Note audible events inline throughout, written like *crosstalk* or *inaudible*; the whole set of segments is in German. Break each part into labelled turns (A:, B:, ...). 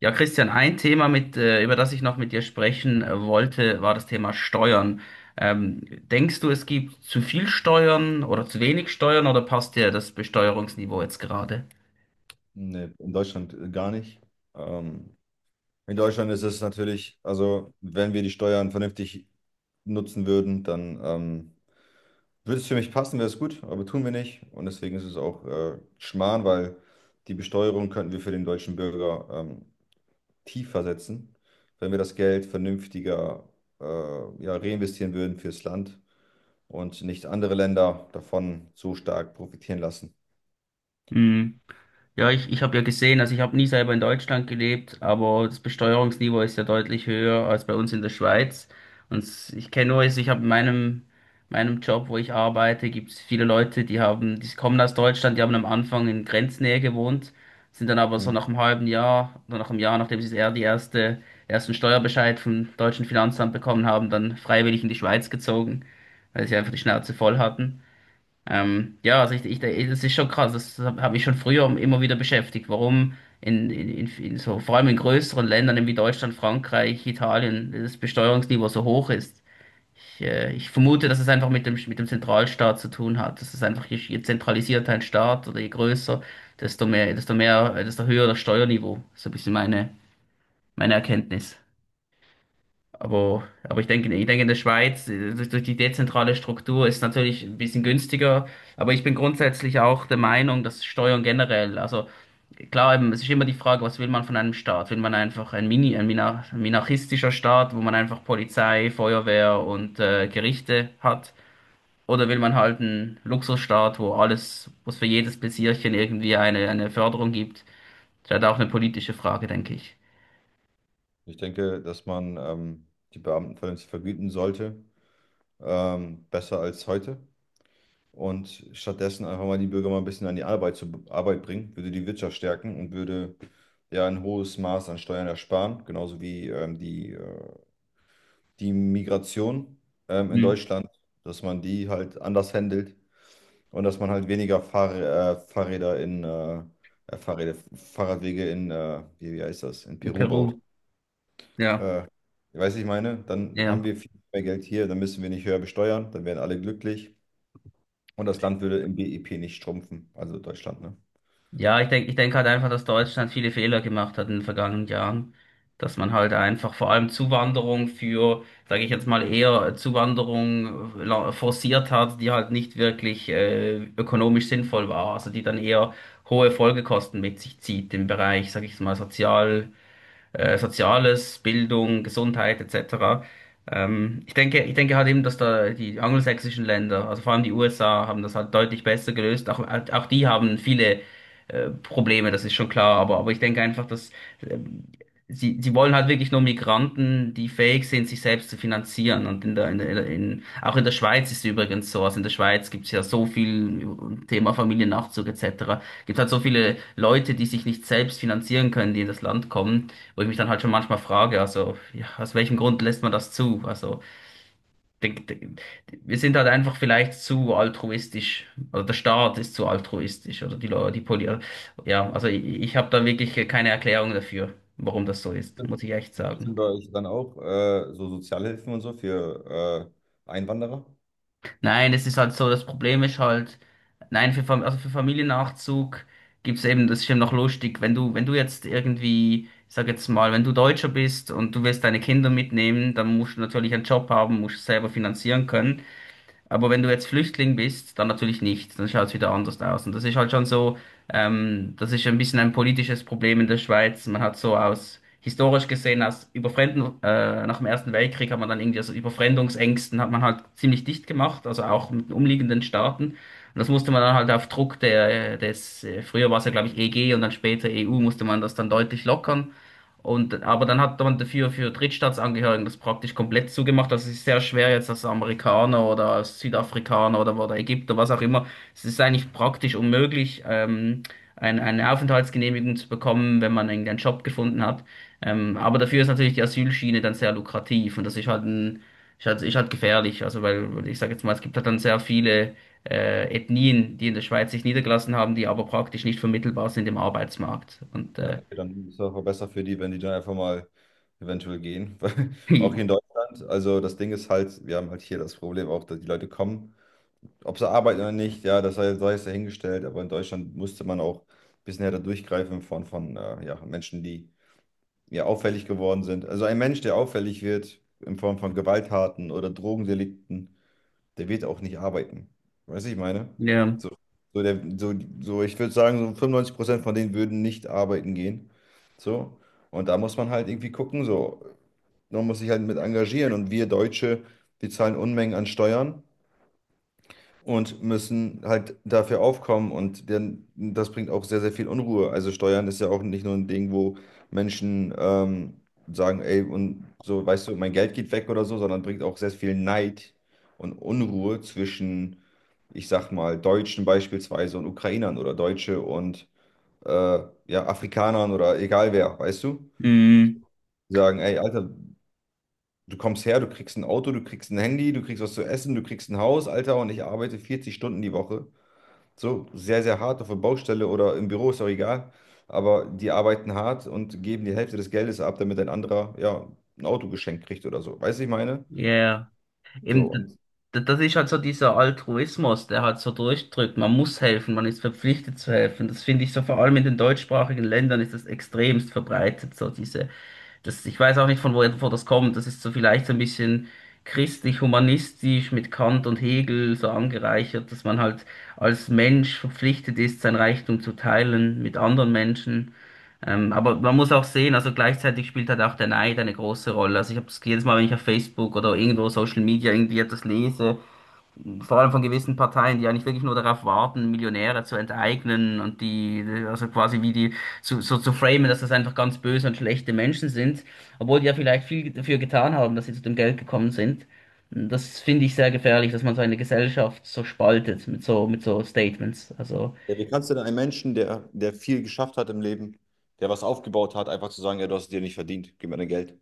A: Ja, Christian, ein Thema, über das ich noch mit dir sprechen wollte, war das Thema Steuern. Ähm, Denkst du, es gibt zu viel Steuern oder zu wenig Steuern oder passt dir das Besteuerungsniveau jetzt gerade?
B: Nee, in Deutschland gar nicht. Ähm, in Deutschland ist es natürlich, also wenn wir die Steuern vernünftig nutzen würden, dann würde es für mich passen, wäre es gut, aber tun wir nicht. Und deswegen ist es auch Schmarrn, weil die Besteuerung könnten wir für den deutschen Bürger tiefer setzen, wenn wir das Geld vernünftiger äh, ja, reinvestieren würden fürs Land und nicht andere Länder davon so stark profitieren lassen.
A: Mhm. Ja, ich habe ja gesehen, also ich habe nie selber in Deutschland gelebt, aber das Besteuerungsniveau ist ja deutlich höher als bei uns in der Schweiz. Und ich kenne nur, also ich habe in meinem Job, wo ich arbeite, gibt es viele Leute, die haben, die kommen aus Deutschland, die haben am Anfang in Grenznähe gewohnt, sind dann aber so nach einem halben Jahr oder nach einem Jahr, nachdem sie eher die erste, ersten Steuerbescheid vom deutschen Finanzamt bekommen haben, dann freiwillig in die Schweiz gezogen, weil sie einfach die Schnauze voll hatten. Ja, also das ist schon krass, das habe ich schon früher immer wieder beschäftigt, warum vor allem in größeren Ländern eben wie Deutschland, Frankreich, Italien, das Besteuerungsniveau so hoch ist. Ich vermute, dass es einfach mit dem, Zentralstaat zu tun hat. Das ist einfach, je zentralisierter ein Staat oder je größer, desto höher das Steuerniveau. So ist ein bisschen meine Erkenntnis. Aber ich denke, in der Schweiz durch die dezentrale Struktur ist natürlich ein bisschen günstiger. Aber ich bin grundsätzlich auch der Meinung, dass Steuern generell, also klar, eben, es ist immer die Frage, was will man von einem Staat? Will man einfach ein Mini, ein minar- minarchistischer Staat, wo man einfach Polizei, Feuerwehr und Gerichte hat? Oder will man halt einen Luxusstaat, wo alles, wo es für jedes Pläsierchen irgendwie eine Förderung gibt? Das ist halt auch eine politische Frage, denke ich.
B: Ich denke, dass man die Beamten vernünftig vergüten sollte, besser als heute. Und stattdessen einfach mal die Bürger mal ein bisschen an die Arbeit bringen, würde die Wirtschaft stärken und würde ja ein hohes Maß an Steuern ersparen, genauso wie die Migration in
A: Mhm.
B: Deutschland, dass man die halt anders handelt und dass man halt weniger Fahrradwege in wie, wie heißt das, in
A: In
B: Peru baut.
A: Peru, ja,
B: Äh, weißt ich meine, dann haben
A: ja.
B: wir viel mehr Geld hier, dann müssen wir nicht höher besteuern, dann wären alle glücklich und das Land würde im BIP nicht schrumpfen, also Deutschland, ne?
A: Ja, ich denke halt einfach, dass Deutschland viele Fehler gemacht hat in den vergangenen Jahren. Dass man halt einfach vor allem Zuwanderung für, sage ich jetzt mal, eher Zuwanderung forciert hat, die halt nicht wirklich ökonomisch sinnvoll war. Also die dann eher hohe Folgekosten mit sich zieht im Bereich, sage ich jetzt mal, Soziales, Bildung, Gesundheit etc. Ich denke halt eben, dass da die angelsächsischen Länder, also vor allem die USA, haben das halt deutlich besser gelöst Auch die haben viele Probleme, das ist schon klar. Aber ich denke einfach, dass ähm, sie wollen halt wirklich nur Migranten die fähig sind, sich selbst zu finanzieren. Und auch in der Schweiz ist es übrigens so. Also in der Schweiz gibt es ja so viel Thema Familiennachzug etc., gibt halt so viele Leute, die sich nicht selbst finanzieren können, die in das Land kommen. Wo ich mich dann halt schon manchmal frage, also, ja, aus welchem Grund lässt man das zu? Also, de- de- wir sind halt einfach vielleicht zu altruistisch, oder der Staat ist zu altruistisch, oder die Leute, ja, also ich habe da wirklich keine Erklärung dafür, warum das so ist, muss ich echt sagen.
B: Sind bei euch dann auch so Sozialhilfen und so für Einwanderer?
A: Nein, es ist halt so, das Problem ist halt, nein, also für Familiennachzug gibt's eben, das ist eben noch lustig, wenn du, wenn du jetzt irgendwie, ich sag jetzt mal, wenn du Deutscher bist und du willst deine Kinder mitnehmen, dann musst du natürlich einen Job haben, musst es selber finanzieren können. Aber wenn du jetzt Flüchtling bist, dann natürlich nicht. Dann schaut es wieder anders aus. Und das ist halt schon so, das ist ein bisschen ein politisches Problem in der Schweiz. Man hat so aus, historisch gesehen, aus nach dem Ersten Weltkrieg hat man dann irgendwie aus Überfremdungsängsten hat man halt ziemlich dicht gemacht, also auch mit den umliegenden Staaten. Und das musste man dann halt auf Druck früher war es ja, glaube ich, EG und dann später EU, musste man das dann deutlich lockern. Und, aber dann hat man dafür für Drittstaatsangehörigen das praktisch komplett zugemacht. Das ist sehr schwer jetzt, als Amerikaner oder als Südafrikaner oder, Ägypter, was auch immer. Es ist eigentlich praktisch unmöglich, eine Aufenthaltsgenehmigung zu bekommen, wenn man irgendeinen Job gefunden hat. Aber dafür ist natürlich die Asylschiene dann sehr lukrativ und das ist halt ist halt gefährlich. Also weil ich sage jetzt mal, es gibt halt dann sehr viele Ethnien, die in der Schweiz sich niedergelassen haben, die aber praktisch nicht vermittelbar sind im Arbeitsmarkt. Und
B: Ja, okay, dann ist es auch besser für die, wenn die dann einfach mal eventuell gehen. *laughs* Weil auch hier in
A: *laughs*
B: Deutschland, also das Ding ist halt, wir haben halt hier das Problem auch, dass die Leute kommen, ob sie arbeiten oder nicht, ja, das sei es dahingestellt, aber in Deutschland musste man auch ein bisschen härter durchgreifen von ja, Menschen, die ja, auffällig geworden sind. Also ein Mensch, der auffällig wird in Form von Gewalttaten oder Drogendelikten, der wird auch nicht arbeiten. Weißt du, ich meine?
A: ja.
B: So, so, der, so, ich würde sagen, so 95% von denen würden nicht arbeiten gehen. So. Und da muss man halt irgendwie gucken, so. Man muss sich halt mit engagieren. Und wir Deutsche, wir zahlen Unmengen an Steuern und müssen halt dafür aufkommen und denn das bringt auch sehr, sehr viel Unruhe. Also Steuern ist ja auch nicht nur ein Ding, wo Menschen sagen, ey, und so, weißt du, mein Geld geht weg oder so, sondern bringt auch sehr viel Neid und Unruhe zwischen, ich sag mal, Deutschen beispielsweise und Ukrainern oder Deutsche und äh, ja, Afrikanern oder egal wer, weißt du?
A: Mhm.
B: Die sagen, ey, Alter, du kommst her, du kriegst ein Auto, du kriegst ein Handy, du kriegst was zu essen, du kriegst ein Haus, Alter, und ich arbeite 40 Stunden die Woche so sehr, sehr hart auf der Baustelle oder im Büro, ist auch egal. Aber die arbeiten hart und geben die Hälfte des Geldes ab, damit ein anderer ja ein Auto geschenkt kriegt oder so. Weißt du, was ich meine?
A: Ja,
B: So,
A: eben,
B: und
A: das ist halt so dieser Altruismus, der halt so durchdrückt. Man muss helfen, man ist verpflichtet zu helfen. Das finde ich so, vor allem in den deutschsprachigen Ländern ist das extremst verbreitet, so diese das, ich weiß auch nicht, von wo das kommt. Das ist so vielleicht so ein bisschen christlich-humanistisch mit Kant und Hegel so angereichert, dass man halt als Mensch verpflichtet ist, sein Reichtum zu teilen mit anderen Menschen. Aber man muss auch sehen, also gleichzeitig spielt halt auch der Neid eine große Rolle. Also ich habe das jedes Mal, wenn ich auf Facebook oder irgendwo Social Media irgendwie etwas lese, vor allem von gewissen Parteien, die eigentlich wirklich nur darauf warten, Millionäre zu enteignen und die, also quasi wie die, so, so zu framen, dass das einfach ganz böse und schlechte Menschen sind, obwohl die ja vielleicht viel dafür getan haben, dass sie zu dem Geld gekommen sind. Das finde ich sehr gefährlich, dass man so eine Gesellschaft so spaltet mit so Statements.
B: ja, wie kannst du denn einem Menschen, der viel geschafft hat im Leben, der was aufgebaut hat, einfach zu sagen, ja, du hast es dir nicht verdient, gib mir dein Geld.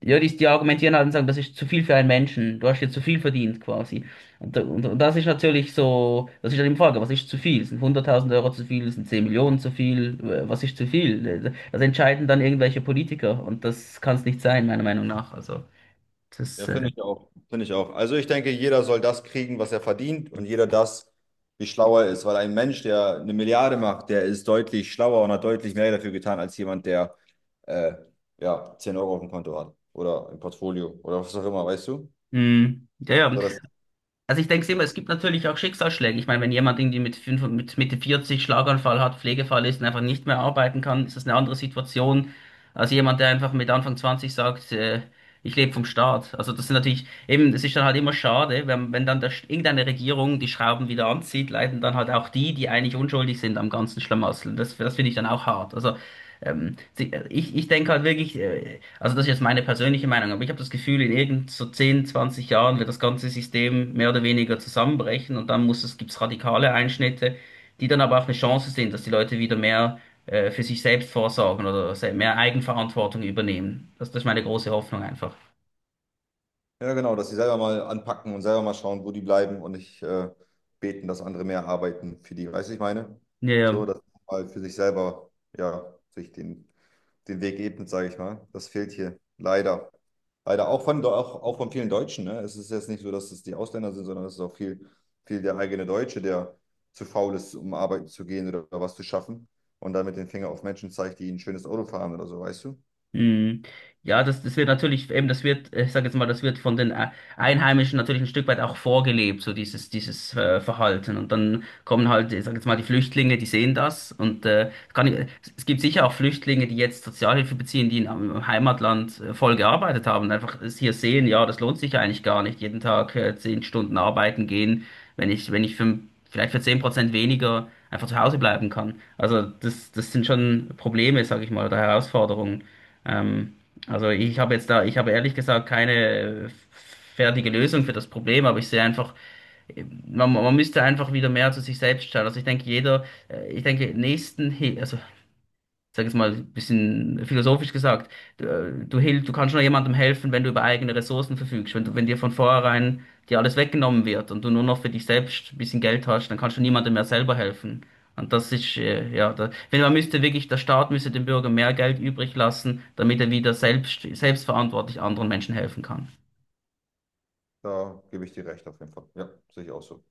A: Ja, die argumentieren halt und sagen, das ist zu viel für einen Menschen. Du hast jetzt zu viel verdient quasi. Und das ist natürlich so, das ist halt die Frage, was ist zu viel? Sind 100.000 Euro zu viel? Sind 10 Millionen zu viel? Was ist zu viel? Das entscheiden dann irgendwelche Politiker und das kann es nicht sein, meiner Meinung nach.
B: Ja,
A: Das, äh,
B: finde ich auch. Finde ich auch. Also ich denke, jeder soll das kriegen, was er verdient und jeder das, wie schlau er ist. Weil ein Mensch, der eine Milliarde macht, der ist deutlich schlauer und hat deutlich mehr dafür getan, als jemand, der äh, ja, 10 Euro auf dem Konto hat oder im Portfolio oder was auch immer, weißt du?
A: mm, ja, ja.
B: So, das.
A: Also ich denke immer, es gibt natürlich auch Schicksalsschläge. Ich meine, wenn jemand irgendwie mit Mitte 40 Schlaganfall hat, Pflegefall ist und einfach nicht mehr arbeiten kann, ist das eine andere Situation als jemand, der einfach mit Anfang 20 sagt, ich lebe vom Staat. Also das sind natürlich, eben, es ist dann halt immer schade, wenn, wenn irgendeine Regierung die Schrauben wieder anzieht, leiden dann halt auch die, die eigentlich unschuldig sind am ganzen Schlamassel. Das finde ich dann auch hart. Also ich denke halt wirklich, also das ist jetzt meine persönliche Meinung, aber ich habe das Gefühl, in irgend so zehn, 20 Jahren wird das ganze System mehr oder weniger zusammenbrechen und dann muss es, gibt's radikale Einschnitte, die dann aber auch eine Chance sind, dass die Leute wieder mehr für sich selbst vorsorgen oder mehr Eigenverantwortung übernehmen. Das ist meine große Hoffnung einfach.
B: Ja, genau, dass sie selber mal anpacken und selber mal schauen, wo die bleiben und nicht beten, dass andere mehr arbeiten für die. Weißt du, ich meine?
A: Ja,
B: So,
A: ja.
B: dass man mal für sich selber, ja, sich den, den Weg ebnet, sage ich mal. Das fehlt hier leider. Leider auch auch von vielen Deutschen. Ne? Es ist jetzt nicht so, dass es die Ausländer sind, sondern es ist auch viel der eigene Deutsche, der zu faul ist, um arbeiten zu gehen oder was zu schaffen und dann mit dem Finger auf Menschen zeigt, die ein schönes Auto fahren oder so, weißt du?
A: Mhm. Ja, das, das wird natürlich, eben, ich sage jetzt mal, das wird von den Einheimischen natürlich ein Stück weit auch vorgelebt, so dieses Verhalten. Und dann kommen halt, ich sage jetzt mal, die Flüchtlinge, die sehen das. Es gibt sicher auch Flüchtlinge, die jetzt Sozialhilfe beziehen, die in ihrem Heimatland voll gearbeitet haben und einfach es hier sehen, ja, das lohnt sich eigentlich gar nicht, jeden Tag 10 Stunden arbeiten gehen, wenn ich, wenn ich für, vielleicht für 10% weniger einfach zu Hause bleiben kann. Also das sind schon Probleme, sage ich mal, oder Herausforderungen. Ähm, also ich habe jetzt da, ich habe ehrlich gesagt keine fertige Lösung für das Problem, aber ich sehe einfach, man müsste einfach wieder mehr zu sich selbst schauen. Also ich denke, jeder, ich denke, nächsten, also sag jetzt mal, ein bisschen philosophisch gesagt, du kannst nur jemandem helfen, wenn du über eigene Ressourcen verfügst. Wenn dir von vornherein dir alles weggenommen wird und du nur noch für dich selbst ein bisschen Geld hast, dann kannst du niemandem mehr selber helfen. Und das ist, ja, da, wenn man müsste wirklich, der Staat müsste dem Bürger mehr Geld übrig lassen, damit er wieder selbstverantwortlich anderen Menschen helfen kann.
B: Da gebe ich dir recht auf jeden Fall. Ja, sehe ich auch so.